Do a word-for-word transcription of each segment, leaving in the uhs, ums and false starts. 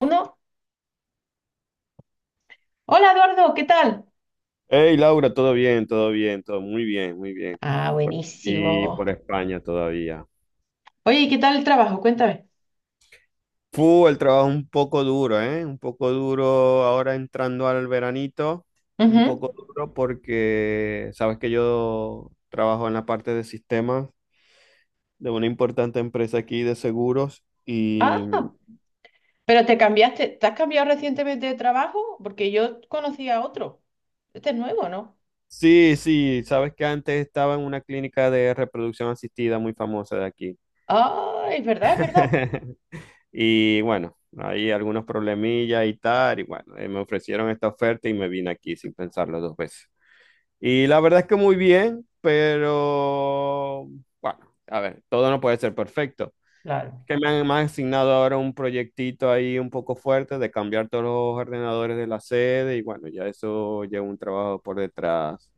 Uno. Hola Eduardo, ¿qué tal? Hey Laura, todo bien, todo bien, todo muy bien, muy bien. Ah, Por aquí, buenísimo. por España todavía. Oye, ¿y qué tal el trabajo? Cuéntame. Fu, el trabajo un poco duro, ¿eh? Un poco duro ahora entrando al veranito, un Ujú. poco duro porque sabes que yo trabajo en la parte de sistemas de una importante empresa aquí de seguros y Ah, pero te cambiaste, ¿te has cambiado recientemente de trabajo? Porque yo conocía a otro. Este es nuevo, ¿no? sí, sí, sabes que antes estaba en una clínica de reproducción asistida muy famosa de aquí. Ah, es verdad, es verdad. Y bueno, hay algunos problemillas y tal, y bueno, eh, me ofrecieron esta oferta y me vine aquí sin pensarlo dos veces. Y la verdad es que muy bien, pero bueno, a ver, todo no puede ser perfecto. Claro, Que me han, me han asignado ahora un proyectito ahí un poco fuerte de cambiar todos los ordenadores de la sede y bueno, ya eso lleva un trabajo por detrás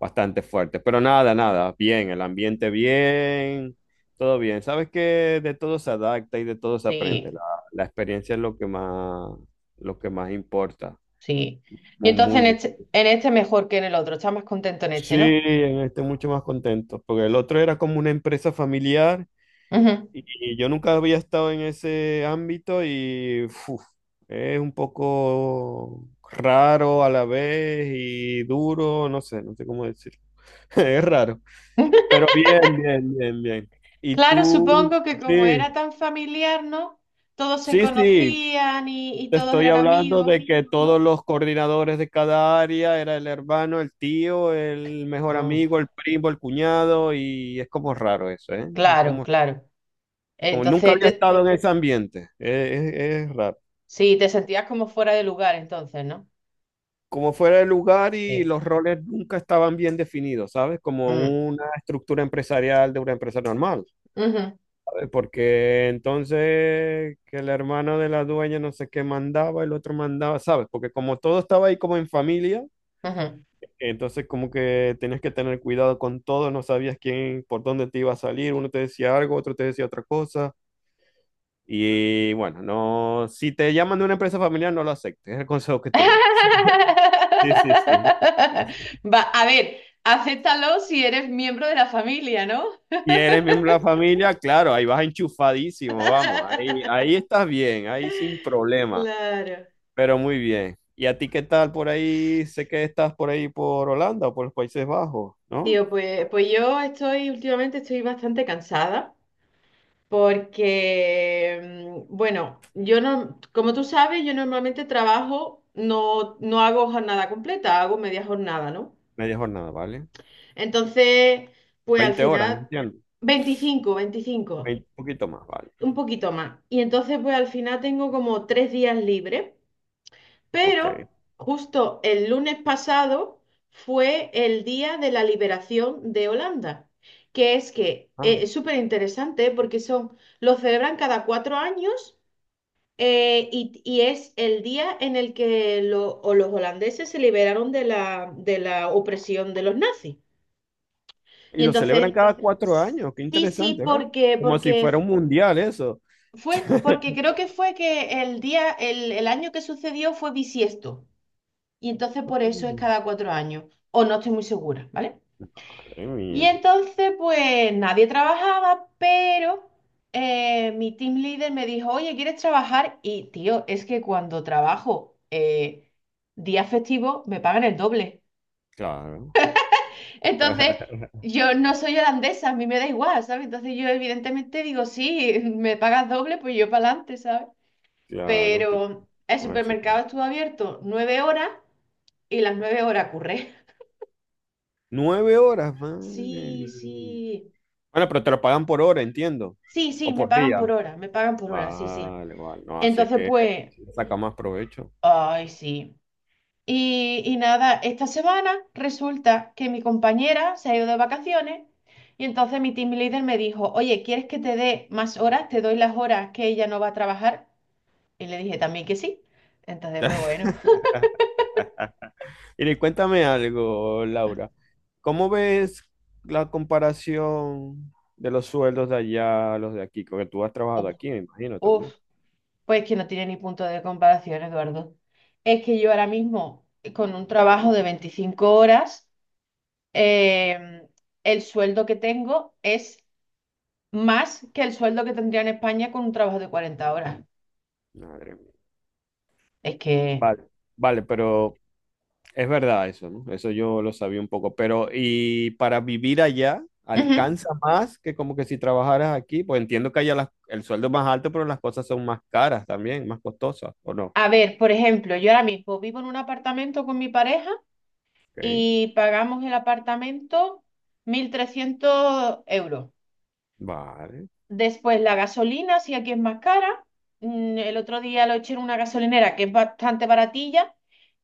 bastante fuerte. Pero nada, nada, bien, el ambiente bien, todo bien. Sabes que de todo se adapta y de todo se aprende. sí, La, la experiencia es lo que más, lo que más importa. sí. Y Muy, entonces muy en bien. este, en este mejor que en el otro, estás más contento en este, Sí, ¿no? en este mucho más contento, porque el otro era como una empresa familiar Ujú. y, y yo nunca había estado en ese ámbito y uf, es un poco raro a la vez y duro, no sé, no sé cómo decir. Es raro. Pero bien, bien, bien, bien. Y Claro, supongo tú, que como era sí, tan familiar, ¿no? Todos se sí, sí, conocían y, y te todos estoy eran hablando amigos, de que todos ¿no? los coordinadores de cada área era el hermano, el tío, el mejor Mm. amigo, el primo, el cuñado, y es como raro eso, ¿eh? Es Claro, Como, claro. como nunca Entonces, había te- estado en ese ambiente, es, es- es raro. sí, te sentías como fuera de lugar entonces, ¿no? Como fuera el lugar y Sí. los roles nunca estaban bien definidos, ¿sabes? Como Mm. una estructura empresarial de una empresa normal. Ujú, eh, Porque entonces que el hermano de la dueña no sé qué mandaba, el otro mandaba, ¿sabes? Porque como todo estaba ahí como en familia, ujú. entonces como que tenías que tener cuidado con todo, no sabías quién, por dónde te iba a salir, uno te decía algo, otro te decía otra cosa. Y bueno, no, si te llaman de una empresa familiar, no lo aceptes, es el consejo que te doy. Sí, sí, sí. Va, a ver, acéptalo si eres miembro de la familia, ¿no? Y eres miembro de la familia, claro, ahí vas enchufadísimo, vamos, ahí, ahí estás bien, ahí sin problema. Claro. Pero muy bien. ¿Y a ti qué tal por ahí? Sé que estás por ahí por Holanda o por los Países Bajos, ¿no? Tío, pues, pues yo estoy, últimamente estoy bastante cansada porque, mm, bueno, yo no, como tú sabes, yo normalmente trabajo, no, no hago jornada completa, hago media jornada, ¿no? Media jornada, ¿vale? Entonces, pues al Veinte horas, final, entiendo. veinticinco veinticinco Vein- Un poquito más, ¿vale? un poquito más. Y entonces, pues al final tengo como tres días libres, Ok. pero justo el lunes pasado fue el día de la liberación de Holanda, que es que Ah, eh, es súper interesante porque son, lo celebran cada cuatro años. eh, y, y es el día en el que lo- o los holandeses se liberaron de la, de la, opresión de los nazis. y Y lo celebran entonces, cada cuatro años, qué sí, sí, interesante, ¿no? porque, Como si fuera porque un mundial eso. fue, porque creo que fue que el día, el, el año que sucedió fue bisiesto. Y entonces Ah, por eso es cada cuatro años. O no estoy muy segura, ¿vale? madre Y mía, entonces, pues nadie trabajaba, pero eh, mi team leader me dijo, oye, ¿quieres trabajar? Y tío, es que cuando trabajo eh, día festivo me pagan el doble. claro. Entonces, yo no soy holandesa, a mí me da igual, ¿sabes? Entonces yo evidentemente digo, sí, me pagas doble, pues yo para adelante, ¿sabes? Claro que Pero el con eso está. supermercado estuvo abierto nueve horas y las nueve horas curré. Nueve horas, madre Sí, mía. sí. Bueno, pero te lo pagan por hora, entiendo. Sí, sí, O me por pagan por día. hora, me pagan por hora, sí, sí. Vale, vale, no, así es Entonces, que pues, saca más provecho. ay, sí. Y, y nada, esta semana resulta que mi compañera se ha ido de vacaciones y entonces mi team leader me dijo, oye, ¿quieres que te dé más horas? Te doy las horas que ella no va a trabajar. Y le dije también que sí. Entonces, pues bueno, Y le- cuéntame algo, Laura. ¿Cómo ves la comparación de los sueldos de allá a los de aquí? Porque tú has trabajado uf, aquí, me imagino uf, también. pues que no tiene ni punto de comparación, Eduardo. Es que yo ahora mismo, con un trabajo de 25 horas, em, el sueldo que tengo es más que el sueldo que tendría en España con un trabajo de 40 horas. Madre mía. Es que. Vale, vale, pero es verdad eso, ¿no? Eso yo lo sabía un poco. Pero, ¿y para vivir allá Ujú. alcanza más que como que si trabajaras aquí? Pues entiendo que allá las- el sueldo es más alto, pero las cosas son más caras también, más costosas, ¿o no? A ver, por ejemplo, yo ahora mismo vivo en un apartamento con mi pareja Ok, y pagamos el apartamento mil trescientos euros. vale. Después la gasolina, si aquí es más cara. Mm, El otro día lo eché en una gasolinera que es bastante baratilla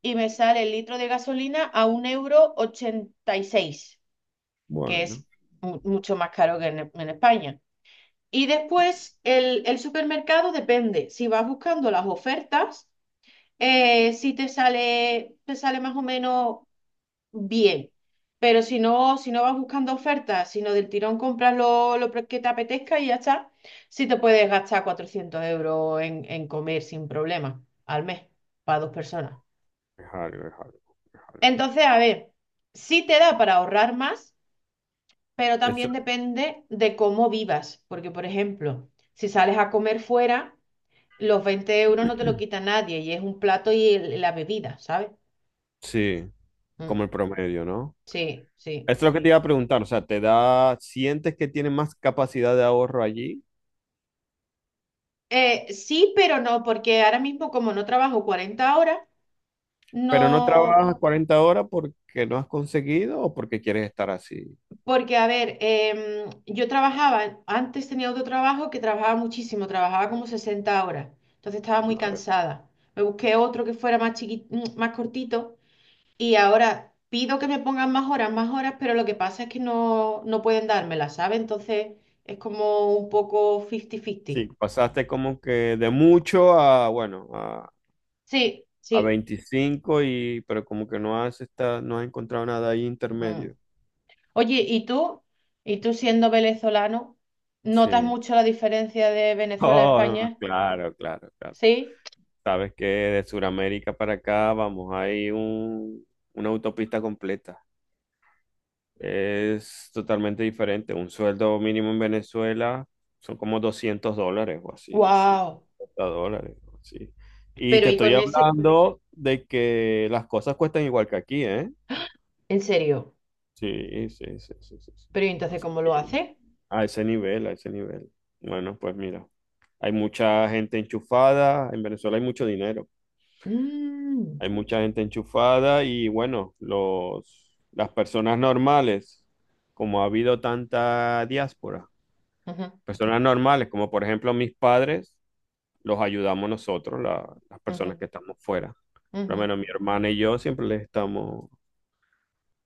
y me sale el litro de gasolina a un euro ochenta y seis, que Bueno. es mu- mucho más caro que en, en España. Y después el, el supermercado depende. Si vas buscando las ofertas eh, sí te sale, te sale más o menos bien. Pero si no, si no vas buscando ofertas, sino del tirón compras lo, lo que te apetezca y ya está, sí te puedes gastar cuatrocientos euros en, en comer sin problema al mes para dos personas. Es algo, es algo, es algo. Entonces, a ver, sí te da para ahorrar más, pero Eso, también depende de cómo vivas. Porque, por ejemplo, si sales a comer fuera, los veinte euros no te lo quita nadie y es un plato y el- la bebida, ¿sabes? sí, como el promedio, ¿no? Sí, sí. Esto es lo que te iba a preguntar, o sea, te da, sientes que tienes más capacidad de ahorro allí, Eh, sí, pero no, porque ahora mismo como no trabajo cuarenta horas, pero no no, trabajas cuarenta horas porque no has conseguido o porque quieres estar así. porque a ver, em, yo trabajaba, antes tenía otro trabajo que trabajaba muchísimo, trabajaba como sesenta horas, entonces estaba muy Madre. cansada. Me busqué otro que fuera más chiquito, más cortito y ahora pido que me pongan más horas, más horas, pero lo que pasa es que no, no pueden dármelas, ¿sabes? Entonces es como un poco Sí, cincuenta cincuenta. pasaste como que de mucho a, bueno, a, Sí, a sí. veinticinco y, pero como que no has esta- no has encontrado nada ahí Mm. intermedio. Oye, ¿y tú? ¿Y tú siendo venezolano, notas Sí. mucho la diferencia de Venezuela a Oh, no, España? claro, claro, claro. ¿Sí? Sabes que de Sudamérica para acá vamos, hay un, una autopista completa. Es totalmente diferente. Un sueldo mínimo en Venezuela son como doscientos dólares o así, ¡Wow! doscientos cincuenta dólares o así. Y Pero te ¿y estoy con ese? hablando de que las cosas cuestan igual que aquí, ¿eh? ¿En serio? Sí, sí, sí, sí, sí, sí. ¿Pero y entonces Así cómo lo que hace? a ese nivel, a ese nivel. Bueno, pues mira, hay mucha gente enchufada. En Venezuela hay mucho dinero. Mm. Hay mucha gente enchufada y bueno, los, las personas normales, como ha habido tanta diáspora, Ujú, personas normales, como por ejemplo mis padres, los ayudamos nosotros, la- las personas ujú, que estamos fuera. Por lo ujú. menos mi hermana y yo siempre les estamos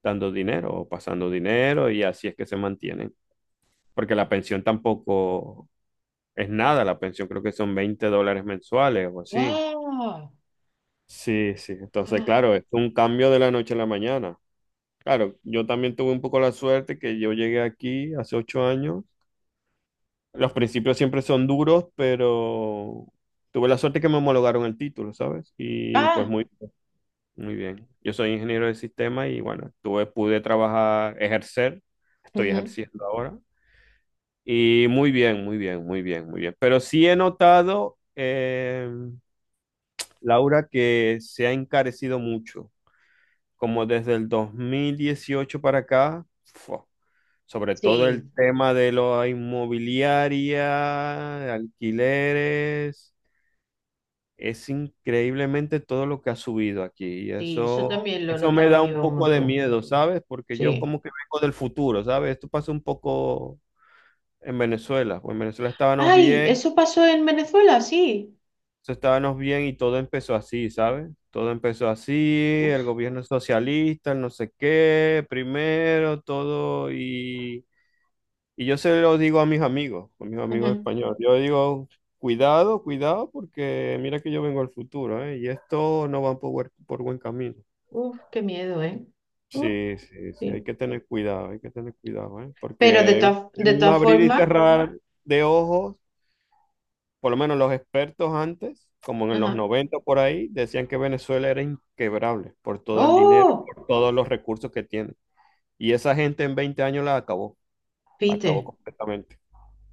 dando dinero o pasando dinero y así es que se mantienen. Porque la pensión tampoco es nada, la pensión creo que son veinte dólares mensuales o así. ¡Guau! Sí, sí, entonces claro, es un cambio de la noche a la mañana. Claro, yo también tuve un poco la suerte que yo llegué aquí hace ocho años. Los principios siempre son duros, pero tuve la suerte que me homologaron el título, ¿sabes? Y pues ¡Ah! muy, muy bien. Yo soy ingeniero de sistema y bueno, tuve, pude trabajar, ejercer, estoy Ujú. ejerciendo ahora. Y muy bien, muy bien, muy bien, muy bien. Pero sí he notado, eh, Laura, que se ha encarecido mucho. Como desde el dos mil dieciocho para acá, ¡fua! Sobre todo el Sí, tema de la inmobiliaria, de alquileres, es increíblemente todo lo que ha subido aquí. Y sí, eso eso, también lo he eso me notado da un yo un poco de montón. miedo, ¿sabes? Porque yo Sí. como que vengo del futuro, ¿sabes? Esto pasó un poco en Venezuela. Pues en Venezuela estábamos ¡Ay! bien, ¿Eso pasó en Venezuela? Sí. eso estábamos bien y todo empezó así, ¿sabes? Todo empezó así, el Uf, gobierno socialista, el no sé qué, primero, todo y... Y yo se lo digo a mis amigos, a mis amigos ujú. españoles. Yo digo, cuidado, cuidado, porque mira que yo vengo al futuro, ¿eh? Y esto no va por, buen- por buen camino. Uf, qué miedo, ¿eh? Uf, Sí, sí, sí, hay sí. que tener cuidado, hay que tener cuidado, ¿eh? Pero de Porque en todas de en un todas abrir y formas. cerrar de ojos, por lo menos los expertos antes, como en los Ajá. noventa por ahí, decían que Venezuela era inquebrable por todo el dinero, Oh, por todos los recursos que tiene. Y esa gente en veinte años la acabó, la acabó viste, completamente.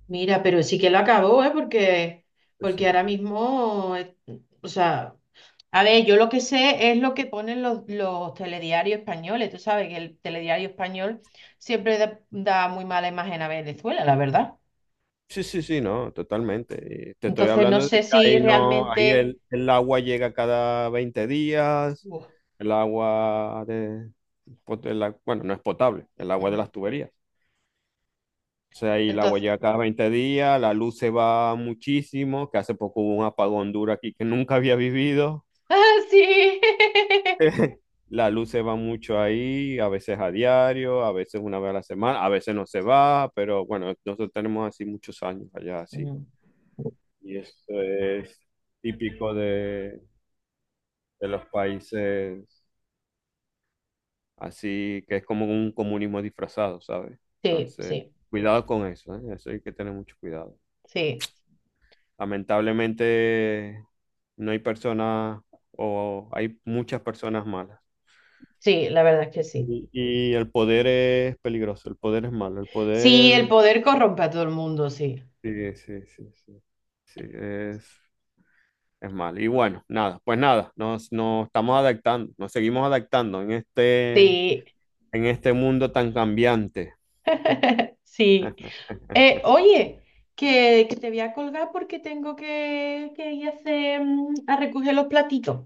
mira, pero sí que lo acabó, ¿eh? Porque, Sí, porque sí. ahora mismo, eh, o sea, a ver, yo lo que sé es lo que ponen los, los telediarios españoles. Tú sabes que el telediario español siempre da, da muy mala imagen a Venezuela, la verdad. Sí, sí, sí, no, totalmente. Eh, Te estoy Entonces, no hablando de sé que si ahí no, ahí realmente. el, el agua llega cada veinte días, Uf, el agua de, pot- el a- bueno, no es potable, el agua de ujú. las tuberías. O sea, ahí el agua Entonces, llega cada veinte días, la luz se va muchísimo, que hace poco hubo un apagón duro aquí que nunca había vivido. ¡ah, sí! La luz se va mucho ahí, a veces a diario, a veces una vez a la semana, a veces no se va, pero bueno, nosotros tenemos así muchos años allá, así. Mm. Y esto es típico de, de los países así, que es como un comunismo disfrazado, ¿sabes? Sí, Entonces, sí, cuidado con eso, ¿eh? Eso hay que tener mucho cuidado. sí, Lamentablemente, no hay personas o hay muchas personas malas. sí, la verdad es que sí. Y, y el poder es peligroso, el poder es malo, el Sí, el poder... poder corrompe a todo el mundo, sí. Sí, sí, sí, sí. Sí, es, es malo. Y bueno, nada, pues nada, nos, nos estamos adaptando, nos seguimos adaptando en este... Sí, en este mundo tan cambiante. sí. Eh, oye, que, que te voy a colgar porque tengo que, que ir a, hacer, mm, a recoger los platitos.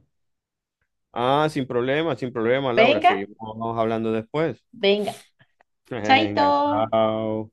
Ah, sin problema, sin problema, Laura. Venga, Seguimos hablando después. venga. Chaito. Venga, chao.